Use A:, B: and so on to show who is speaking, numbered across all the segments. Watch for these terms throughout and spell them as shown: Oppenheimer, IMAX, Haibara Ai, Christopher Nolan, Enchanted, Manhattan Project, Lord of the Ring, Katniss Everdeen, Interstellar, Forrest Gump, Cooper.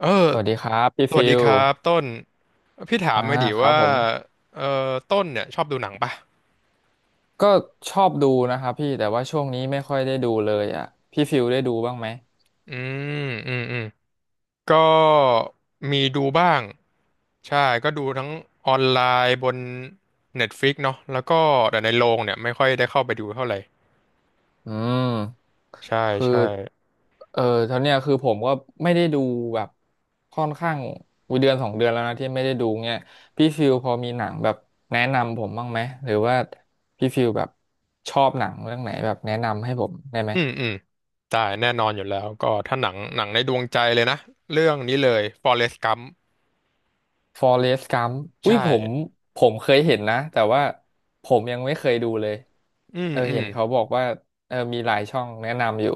A: เออ
B: สวัสดีครับพี่
A: สวั
B: ฟิ
A: สดี
B: ล
A: ครับต้น พี่ถาม
B: อ่า
A: มาดิ
B: ครับ
A: ว่า
B: ผม
A: เออต้นเนี่ยชอบดูหนังปะ
B: ก็ชอบดูนะครับพี่แต่ว่าช่วงนี้ไม่ค่อยได้ดูเลยอ่ะพี่ฟิลได้ดูบ้างไหม
A: อืมอืมอืมก็มีดูบ้าง ใช่ ก็ดูทั้งออนไลน์บน Netflix เนาะแล้วก็แต่ในโรงเนี่ยไม่ค่อยได้เข้าไปดูเท่าไหร่
B: อืม
A: ใช่
B: คือ
A: ใช่
B: เออตอนเนี้ยคือผมก็ไม่ได้ดูแบบค่อนข้างวิเดือนสองเดือนแล้วนะที่ไม่ได้ดูเงี้ยพี่ฟิลพอมีหนังแบบแนะนำผมบ้างไหมหรือว่าพี่ฟิลแบบชอบหนังเรื่องไหนแบบแนะนำให้ผมได้ไหม
A: อืม อืมได้แน่นอนอยู่แล้วก็ถ้าหนังในดวงใจเลยนะเรื่องนี้เลย Forrest Gump
B: ฟอเรสต์กัมอุ้
A: ใช่
B: ยผมเคยเห็นนะแต่ว่าผมยังไม่เคยดูเลย
A: อืม อื
B: เห็
A: ม
B: นเขาบอกว่ามีหลายช่องแนะนำอยู่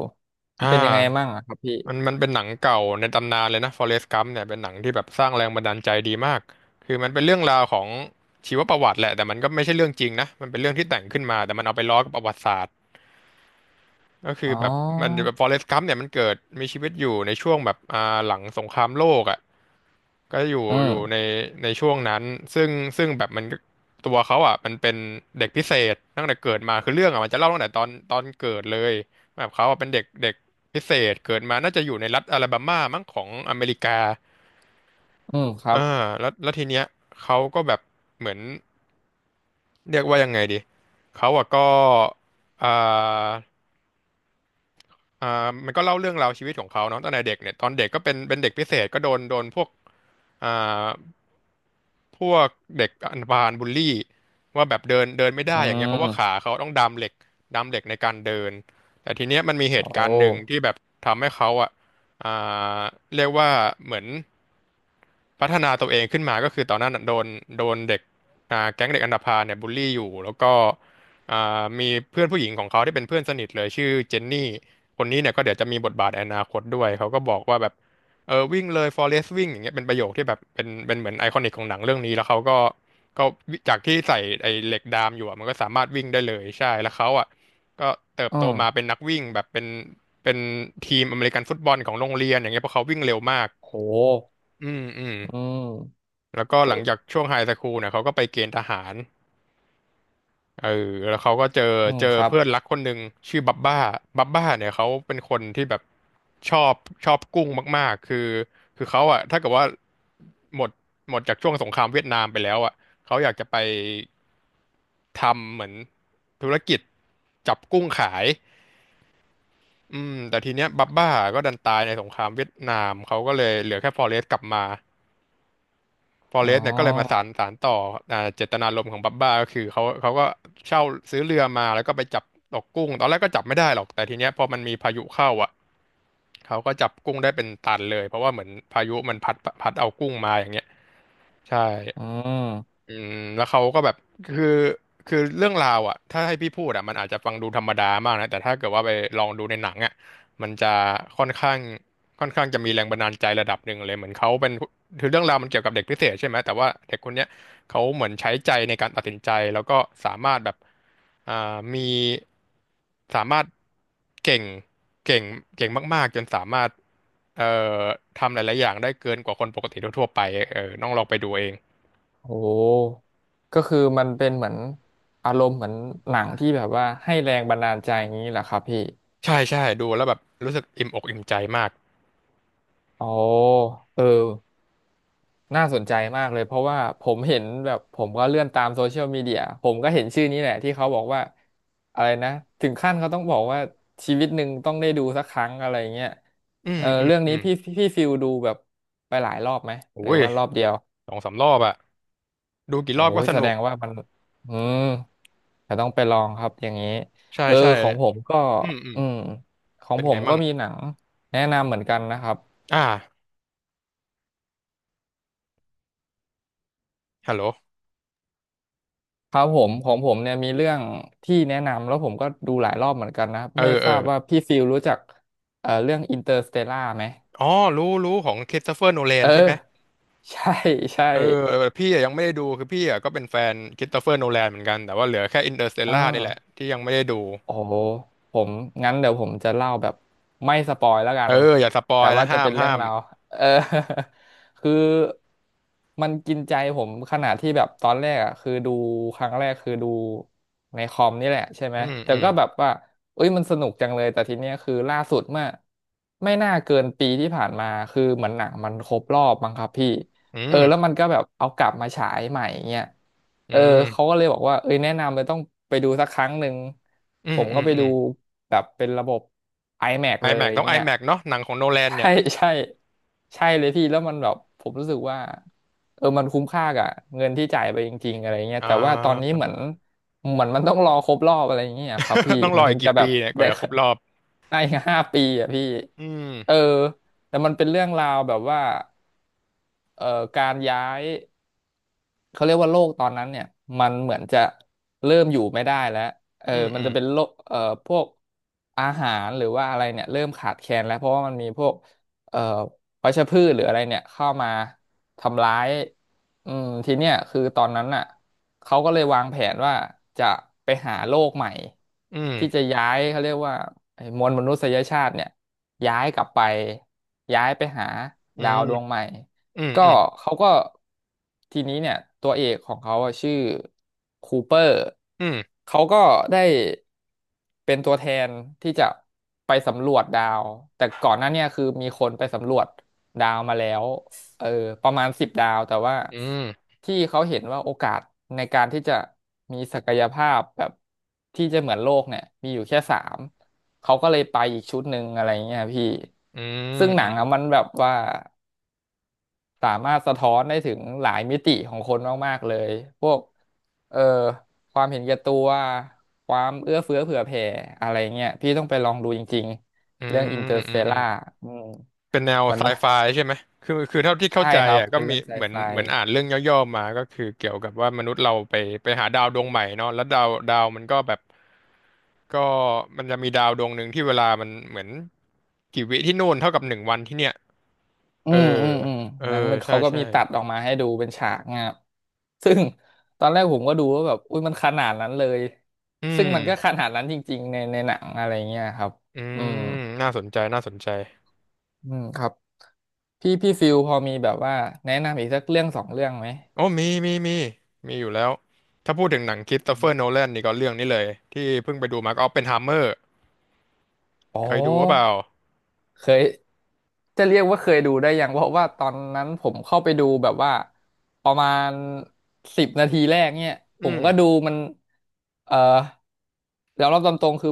B: มั
A: อ่า
B: นเป็นยังไงมั่งอะครับพี่
A: มันเป็นหนังเก่าในตำนานเลยนะ Forrest Gump เนี่ยเป็นหนังที่แบบสร้างแรงบันดาลใจดีมากคือมันเป็นเรื่องราวของชีวประวัติแหละแต่มันก็ไม่ใช่เรื่องจริงนะมันเป็นเรื่องที่แต่งขึ้นมาแต่มันเอาไปล้อกับประวัติศาสตร์ก็คือ
B: อ๋อ
A: แบบมันแบบ Forrest Gump เนี่ยมันเกิดมีชีวิตอยู่ในช่วงแบบหลังสงครามโลกอ่ะ ก็อยู่
B: อื
A: อยู่ใน
B: ม
A: ในช่วงนั้นซึ่งซึ่งแบบมันตัวเขาอ่ะมันเป็นเด็กพิเศษตั้งแต่เกิดมาคือเรื่องอ่ะมันจะเล่าตั้งแต่ตอนเกิดเลยแบบเขาอ่ะเป็นเด็กเด็กพิเศษเกิดมาน่าจะอยู่ในรัฐอลาบามามั้งของอเมริกา
B: อืมครับ
A: อ่าแล้วทีเนี้ยเขาก็แบบเหมือนเรียกว่ายังไงดีเขาอ่ะก็อ่า มันก็เล่าเรื่องราวชีวิตของเขาเนาะตั้งแต่เด็กเนี่ยตอนเด็กก็เป็นเด็กพิเศษก็โดนโดนพวกอ่าพวกเด็กอันบานบูลลี่ว่าแบบเดินเดินไม่
B: อื
A: ได้อย่างเงี้ยเพราะว่าขา
B: ม
A: เขาต้องดามเหล็กในการเดินแต่ทีเนี้ยมันมีเห
B: โอ
A: ตุการณ์หนึ่ง
B: ้
A: ที่แบบทำให้เขาอ่ะอ่าเรียกว่าเหมือน พัฒนาตัวเองขึ้นมาก็คือตอนนั้นน่ะโดนเด็กแก๊งเด็กอันธพาลเนี่ยบูลลี่อยู่แล้วก็มีเพื่อนผู้หญิงของเขาที่เป็นเพื่อนสนิทเลยชื่อเจนนี่คนนี้เนี่ยก็เดี๋ยวจะมีบทบาทในอนาคตด้วยเขาก็บอกว่าแบบเออวิ่งเลย Forest วิ่งอย่างเงี้ยเป็นประโยคที่แบบเป็นเหมือนไอคอนิกของหนังเรื่องนี้แล้วเขาก็ก็จากที่ใส่ไอเหล็กดามอยู่อะมันก็สามารถวิ่งได้เลยใช่แล้วเขาอ่ะก็เติบ
B: อื
A: โตมาเป็
B: ม
A: นนักวิ่งแบบเป็นทีมอเมริกันฟุตบอลของโรงเรียนอย่างเงี้ยเพราะเขาวิ่งเร็วมาก
B: โห
A: อืมอืม
B: อืม
A: แล้วก็หลังจากช่วงไฮสคูลเนี่ยเขาก็ไปเกณฑ์ทหารเออแล้วเขาก็เจอ
B: อืม
A: เจอ
B: ครับ
A: เพื่อนรักคนหนึ่งชื่อบับบ้าบับบ้าเนี่ยเขาเป็นคนที่แบบชอบชอบกุ้งมากๆคือเขาอะถ้าเกิดว่าหมดหมดจากช่วงสงครามเวียดนามไปแล้วอะเขาอยากจะไปทำเหมือนธุรกิจจับกุ้งขายอืมแต่ทีเนี้ยบับบ้าก็ดันตายในสงครามเวียดนามเขาก็เลยเหลือแค่ฟอเรสต์กลับมา ฟอ
B: อ๋
A: เรสต์เนี่ยก็เลยมา
B: อ
A: สานต่ออ่าเจตนารมณ์ของบับบ้าก็คือเขาก็เช่าซื้อเรือมาแล้วก็ไปจับตกกุ้งตอนแรกก็จับไม่ได้หรอกแต่ทีเนี้ยพอมันมีพายุเข้าอ่ะเขาก็จับกุ้งได้เป็นตันเลยเพราะว่าเหมือนพายุมันพัดเอากุ้งมาอย่างเงี้ยใช่
B: อืม
A: อืมแล้วเขาก็แบบคือคือเรื่องราวอ่ะถ้าให้พี่พูดอ่ะมันอาจจะฟังดูธรรมดามากนะแต่ถ้าเกิดว่าไปลองดูในหนังอ่ะมันจะค่อนข้างค่อนข้างจะมีแรงบันดาลใจระดับหนึ่งเลยเหมือนเขาเป็นคือเรื่องราวมันเกี่ยวกับเด็กพิเศษใช่ไหมแต่ว่าเด็กคนเนี้ยเขาเหมือนใช้ใจในการตัดสินใจแล้วก็สามารถแบบอ่ามีสามารถเก่งเก่งเก่งมากๆจนสามารถเอ่อทำหลายๆอย่างได้เกินกว่าคนปกติทั่วๆไปเออต้องลองไปดูเอง
B: โหก็คือมันเป็นเหมือนอารมณ์เหมือนหนังที่แบบว่าให้แรงบันดาลใจอย่างนี้แหละครับพี่
A: ใช่ใช่ดูแล้วแบบรู้สึกอิ่มอกอิ่มใจมาก
B: โอ้เออ น่าสนใจมากเลยเพราะว่าผมเห็นแบบผมก็เลื่อนตามโซเชียลมีเดียผมก็เห็นชื่อนี้แหละที่เขาบอกว่าอะไรนะถึงขั้นเขาต้องบอกว่าชีวิตหนึ่งต้องได้ดูสักครั้งอะไรเงี้ย
A: อื
B: เอ
A: ม
B: อ
A: อืม
B: เรื่อง
A: อื
B: นี้
A: ม
B: พี่ฟิลดูแบบไปหลายรอบไหม
A: โอ้
B: หรือ
A: ย
B: ว่ารอบเดียว
A: สองสามรอบอะดูกี่
B: โอ้
A: รอบก็
B: ย
A: ส
B: แส
A: นุ
B: ด
A: ก
B: งว่ามันอืมแต่ต้องไปลองครับอย่างนี้
A: ใช่
B: เออ
A: ใช่
B: ของผมก็
A: อืมอืม
B: อืมของ
A: เป็น
B: ผ
A: ไง
B: มก็
A: มั่ง
B: มีหนังแนะนำเหมือนกันนะครับ
A: อ่าฮัลโหล
B: ครับผมของผมเนี่ยมีเรื่องที่แนะนำแล้วผมก็ดูหลายรอบเหมือนกันนะครับ
A: เออ
B: ไม่ท
A: เออ
B: ราบว่าพี่ฟิลรู้จักเรื่องอินเตอร์สเตลล่าไหม
A: อ๋อรู้ของค h r ส s ตเฟอร์โนแลน
B: เอ
A: ใช่ไหม
B: อใช่ใช่
A: เออเออพี่อะยังไม่ได้ดูคือพี่อะก็เป็นแฟนค h r ส s ตเฟอร์โนแลนเหมือนกันแต่ว่าเหลือแค่อินเตอร์สเตล
B: เอ
A: ล่า
B: อ
A: นี่แหละที่ยังไม่ได้ดู
B: โอ้โหผมงั้นเดี๋ยวผมจะเล่าแบบไม่สปอยแล้วกั
A: เอ
B: น
A: ออย่าสปอ
B: แต่
A: ยนะ
B: ว่าจะ
A: ห้า
B: เป็
A: ม
B: นเรื่อ
A: ห้า
B: ง
A: ม
B: ราวเออ คือมันกินใจผมขนาดที่แบบตอนแรกอ่ะคือดูครั้งแรกคือดูในคอมนี่แหละใช่ไหม
A: อืม
B: แต่
A: อืม
B: ก็แบบว่าเอ้ยมันสนุกจังเลยแต่ทีเนี้ยคือล่าสุดเมื่อไม่น่าเกินปีที่ผ่านมาคือเหมือนหนังมันครบรอบมั้งครับพี่
A: อื
B: เออแล้วมั
A: ม
B: นก็แบบเอากลับมาฉายใหม่เงี้ย
A: อื
B: เออเขา
A: ม
B: ก็เลยบอกว่าเอ้ยแนะนำเลยต้องไปดูสักครั้งหนึ่ง
A: อื
B: ผ
A: ม
B: ม
A: อื
B: ก็
A: ม
B: ไป
A: อื
B: ดู
A: ม
B: แบบเป็นระบบ IMAX
A: ไอ
B: เลย
A: แม็กต้องไอ
B: เงี้ย
A: แม็กเนาะหนังของโนแล น
B: ใช่
A: เนี่ย
B: ใช่ใช่เลยพี่แล้วมันแบบผมรู้สึกว่าเออมันคุ้มค่ากับเงินที่จ่ายไปจริงๆอะไรเงี้ย
A: อ่า
B: แต่ว่าตอนนี้เหมือนมันต้องรอครบรอบอะไรเงี้ยครับพี่
A: ต้องร
B: มั
A: อ
B: นถึ
A: อีก
B: งจะ
A: กี่
B: แบ
A: ปี
B: บ
A: เนี่ยกว่า
B: ได้
A: จะครบรอบ
B: ได้ห้าปีอ่ะพี่
A: อืม
B: เออแต่มันเป็นเรื่องราวแบบว่าเอ่อการย้าย เขาเรียกว่าโลกตอนนั้นเนี่ยมันเหมือนจะเริ่มอยู่ไม่ได้แล้วเออ
A: อืม
B: มั
A: อื
B: น
A: ม
B: จะเป็นโลกพวกอาหารหรือว่าอะไรเนี่ยเริ่มขาดแคลนแล้วเพราะว่ามันมีพวกเอ่อวัชพืชหรืออะไรเนี่ยเข้ามาทำร้ายอืมทีเนี้ยคือตอนนั้นน่ะเขาก็เลยวางแผนว่าจะไปหาโลกใหม่
A: อื
B: ที่
A: ม
B: จะย้ายเขาเรียกว่าไอ้มวลมนุษยชาติเนี่ยย้ายกลับไปย้ายไปหาดาวดวงใหม่
A: อืม
B: ก็
A: อืม
B: เขาก็ทีนี้เนี่ยตัวเอกของเขาอะชื่อคูเปอร์
A: อืม
B: เขาก็ได้เป็นตัวแทนที่จะไปสำรวจดาวแต่ก่อนหน้าเนี่ยคือมีคนไปสำรวจดาวมาแล้วเออประมาณสิบดาวแต่ว่า
A: อืม
B: ที่เขาเห็นว่าโอกาสในการที่จะมีศักยภาพแบบที่จะเหมือนโลกเนี่ยมีอยู่แค่สามเขาก็เลยไปอีกชุดหนึ่งอะไรเงี้ยพี่
A: อืม
B: ซึ่งห
A: อื
B: นัง
A: ม
B: อะมันแบบว่า สามารถสะท้อนได้ถึงหลายมิติของคนมากๆเลย พวกเอ่อความเห็นแก่ตัวความเอื้อเฟื้อเผื่อแผ่อะไรเงี้ยพี่ต้องไปลองดูจริง
A: อื
B: ๆเรื่องอินเต
A: ม
B: อร์ส
A: อืมอื
B: เต
A: ม
B: ล
A: อืม
B: ล่าอืม
A: เป็นแนว
B: มัน
A: ไซไฟใช่ไหม คือเท่าที่เข้า
B: ใช่
A: ใจ
B: ครับ
A: อ่ะก็
B: เป็น
A: มี
B: เรื่องไซ
A: เหมือน
B: ไฟ
A: เหมือนอ่านเรื่องย่อๆมา ก็คือเกี่ยวกับว่ามนุษย์เราไปไปหาดาวดวงใหม่เนาะแล้วดาวดาวมันก็แบบก็มันจะมีดาวดวงหนึ่งที่เวลามันเหมือนกี่วิที่นู่นเท่ากับหนึ่งวันที่เนี่ย
B: อื
A: เออ
B: มอืมอืม
A: เออ
B: งั้นมัน
A: ใช่
B: เขาก็
A: ใช่
B: มีตัดออกมาให้ดูเป็นฉากเงี้ยซึ่งตอนแรกผมก็ดูว่าแบบอุ้ยมันขนาดนั้นเลย
A: อื
B: ซึ่งมันก็ข
A: ม
B: นาดนั้นจริงๆในหนังอะไรเงี้ยครับ
A: อื
B: อืม
A: มน่าสนใจน่าสนใจ
B: อืมครับ พี่ฟิลพอมีแบบว่าแนะนำอีกสักเรื่องสองเรื่องไหม
A: โอ้มีมีมีมีอยู่แล้วถ้าพูดถึงหนังคริสโตเฟอร์โนแลนนี่ก็เรื่องนี้เลยที่เพิ่งไปดูมาก็ออปเพนไฮเมอร์
B: อ๋อ
A: เคยดูหรือเปล่า
B: เคยจะเรียกว่าเคยดูได้ยังเพราะว่าตอนนั้นผมเข้าไปดูแบบว่าประมาณสิบนาทีแรกเนี่ยผ
A: อื
B: มก็ดู
A: ม
B: มันเอ่อยอมรับตามตรงคือ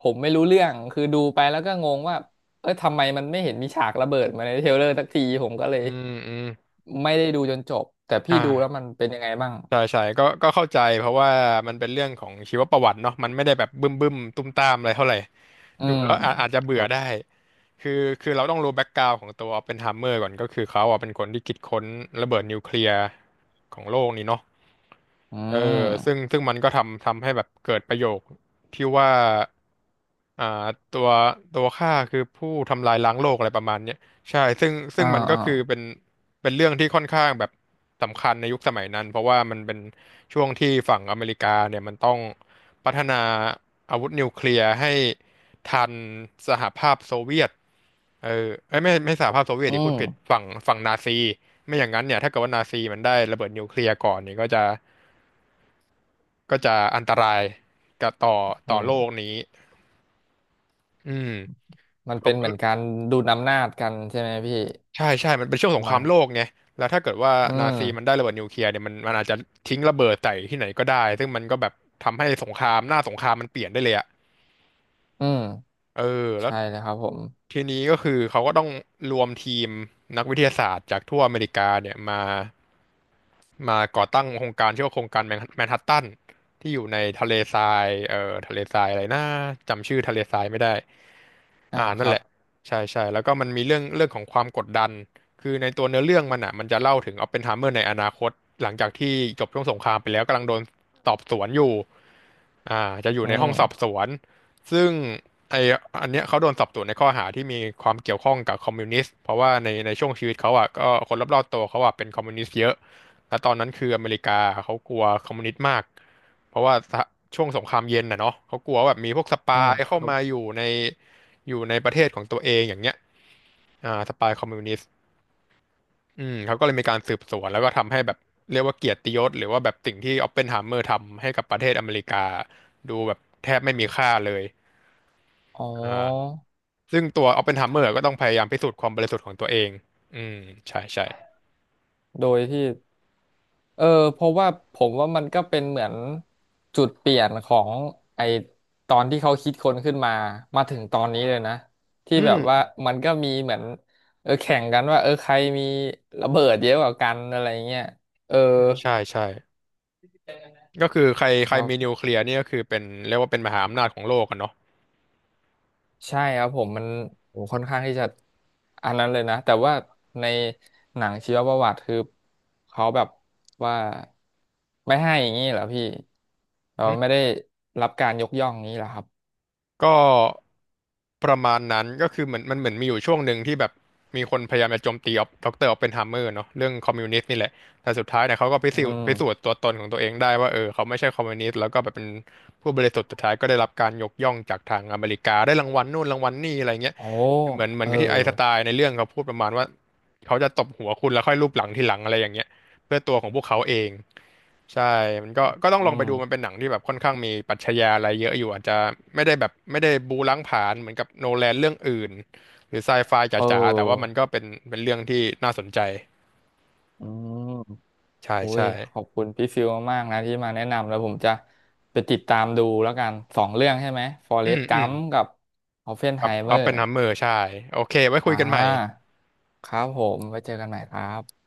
B: ผมไม่รู้เรื่องคือดูไปแล้วก็งงว่าเอ้ยทำไมมันไม่เห็นมีฉากระเบิดมาในเทรลเลอร์สักทีผมก็เล
A: อื
B: ย
A: มอืม
B: ไม่ได้ดูจนจบแต่พี่ดูแล้ว
A: อ่า
B: มันเป็นยังไงบ้าง
A: ใช่ใช่ก็ก็เข้าใจเพราะว่ามันเป็นเรื่องของชีวประวัติเนาะมันไม่ได้แบบบึ้มบึ้มตุ้มตามอะไรเท่าไหร่
B: อื
A: ดู
B: ม
A: แล้วอาอาจจะ
B: ค
A: เบื่อ
B: รับ
A: ได้คือคือเราต้องรู้แบ็กกราวด์ของตัวออปเพนไฮเมอร์ก่อนก็คือเขาอ่ะเป็นคนที่คิดค้นระเบิดนิวเคลียร์ของโลกนี่เนาะ
B: อื
A: เออซึ่ง
B: ม
A: ซึ่งมันก็ทำให้แบบเกิดประโยคที่ว่าอ่าตัวตัวข้าคือผู้ทำลายล้างโลกอะไรประมาณเนี้ยใช่ซึ่งซึ่
B: อ่า
A: งมันก็
B: อ่า
A: คือเป็นเป็นเรื่องที่ค่อนข้างแบบสำคัญในยุคสมัยนั้นเพราะว่ามันเป็นช่วงที่ฝั่งอเมริกาเนี่ยมันต้องพัฒนาอาวุธนิวเคลียร์ให้ทันสหภาพโซเวียตเออเอ้ยไม่สหภาพโซเวียต
B: อื
A: ดิพูดผิด
B: ม
A: ฝั่งฝั่งนาซีไม่อย่างนั้นเนี่ยถ้าเกิดว่านาซีมันได้ระเบิดนิวเคลียร์ก่อนเนี่ยก็จะ ก็จะอันตรายกับต่อ
B: อื
A: ต่อโลก
B: ม
A: นี้อืม
B: มัน
A: เขา
B: เป็น
A: ก็
B: เหมือนการดูดอำนาจกันใช่ไหมพี่
A: ใช่ใช่ มันเป็นช่วง
B: ป
A: ส
B: ระ
A: งครา
B: มาณ
A: มโลกไงแล้วถ้าเกิดว่า
B: อื
A: นา
B: ม
A: ซีมันได้ระเบิดนิวเคลียร์เนี่ยมันมันอาจจะทิ้งระเบิดใส่ที่ไหนก็ได้ ซึ่งมันก็แบบทำให้สงครามหน้าสงครามมันเปลี่ยนได้เลยอะ
B: อืม
A: เออแล้ว
B: ใช่เลยครับผม
A: ทีนี้ก็คือเขาก็ต้องรวมทีมนักวิทยาศาสตร์จากทั่วอเมริกาเนี่ยมามาก่อตั้งโครงการชื่อว่าโครงการแมนแมนฮัตตันที่อยู่ในทะเลทรายทะเลทรายอะไรนะจำชื่อทะเลทรายไม่ได้
B: อ่า
A: อ่า
B: ค
A: นั่น
B: รั
A: แห
B: บ
A: ละใช่ใช่แล้วก็มันมีเรื่องของความกดดันคือในตัวเนื้อเรื่องมันอ่ะมันจะเล่าถึงออปเพนไฮเมอร์ในอนาคตหลังจากที่จบช่วงสงครามไปแล้วกำลังโดนสอบสวนอยู่อ่าจะอยู่
B: อื
A: ในห้องสอบ
B: ม
A: สวนซึ่ง ไออันเนี้ยเขาโดนสอบสวนในข้อหาที่มีความเกี่ยวข้องกับคอมมิวนิสต์เพราะว่าในช่วงชีวิตเขาอ่ะก็คนรอบๆตัวเขาอ่ะเป็นคอมมิวนิสต์เยอะแล้วตอนนั้นคืออเมริกาเขากลัวคอมมิวนิสต์มากเพราะว่าสหช่วงสงครามเย็นน่ะเนาะเขากลัวว่าแบบมีพวกส
B: อื
A: ปา
B: ม
A: ย
B: ค
A: เข้า
B: รับ
A: มาอยู่ในอยู่ในประเทศของตัวเองอย่างเงี้ยอ่าสปายคอมมิวนิสต์อืมเขาก็เลยมีการสืบสวนแล้วก็ทำให้แบบเรียกว่าเกียรติยศหรือว่าแบบสิ่งที่ออปเพนไฮเมอร์ทำให้กับประเทศอเมริกาดูแบบแทบไม่มีค่าเลย
B: อ๋อ
A: อ่า ซึ่งตัวออปเพนไฮเมอร์ก็ต้องพยายามพิสูจน์ความบริสุทธิ์ของตัวเองอืมใช่ใช่
B: โดยที่เออเพราะว่าผมว่ามันก็เป็นเหมือนจุดเปลี่ยนของไอตอนที่เขาคิดค้นขึ้นมามาถึงตอนนี้เลยนะที่
A: อื
B: แบ
A: ม
B: บว่ามันก็มีเหมือนเออแข่งกันว่าเออใครมีระเบิดเยอะกว่ากันอะไรเงี้ยเออ
A: ใช่ใช่ก็คือใคร
B: ค
A: ใคร
B: รั
A: มีนิ
B: บ
A: วเคลียร์นี่ก็คือเป็นเรียกว่าเป็นมหาอำนาจของโลกอะเนาะ
B: ใช่ครับผมมันโอ้ค่อนข้างที่จะอันนั้นเลยนะแต่ว่าในหนังชีวประวัติคือเขาแบบว่าไม่ให้อย่างนี้เหรอพี่เรา
A: อื
B: ไม่
A: ม
B: ได้รับการยกย่องนี้เหรอครับ
A: ก็ ประมาณนั้นก็คือเหมือนมันเหมือนมีอยู่ช่วงหนึ่งที่แบบมีคนพยายามจะโจมตีออปดรออปเพนไฮเมอร์เนาะเรื่องคอมมิวนิสต์นี่แหละแต่สุดท้ายเนี่ยเขาก็พิ
B: อื
A: สูจน์
B: ม
A: พิสูจน์ตัวตนของตัวเองได้ว่าเออเขาไม่ใช่คอมมิวนิสต์แล้วก็แบบเป็นผู้บริสุทธิ์สุดท้ายก็ได้รับการยกย่องจากทางอเมริกาได้รางวัลนู่นรางวัลนี่อะไรเงี้ย
B: โอ้
A: เหมือนเหมือ
B: เอ
A: น
B: อ
A: กับที่ไอน์สไตน์ในเรื่องเขาพูดประมาณว่าเขาจะตบหัวคุณแล้วค่อยลูบหลังทีหลังอะไรอย่างเงี้ยเพื่อตัวของพวกเขาเอง ใช่ มันก็ก็ต้อง
B: อื
A: ลองไป
B: ม
A: ดูมันเป็นหนังที่แบบค่อนข้างมีปรัชญาอะไรเยอะอยู่อาจจะไม่ได้แบบไม่ได้บู๊ล้างผลาญเหมือนกับโนแลนเรื่องอื่นหรือไซไฟ
B: เ
A: จ๋าๆ แต่ว่ามัน
B: ออ
A: ก็เป็นเป็นเรื่องที่น่าสนใจ
B: อืม
A: ใช่
B: โอ้ย
A: ใช่
B: ขอบคุณพี่ฟิลมากๆนะที่มาแนะนำแล้วผมจะไปติดตามดูแล้วกันสองเรื่องใช่ไหมฟอ
A: อื
B: เรส
A: ม
B: ต์กั
A: อืม
B: มกับออปเพน
A: กั
B: ไฮ
A: บอ
B: เ e อ
A: อปเพ
B: ร์
A: นไฮเมอร์ใช่โอเคไว้คุ
B: อ่
A: ยกันใหม่
B: าครับผมไว้เจอกันใหม่ครับ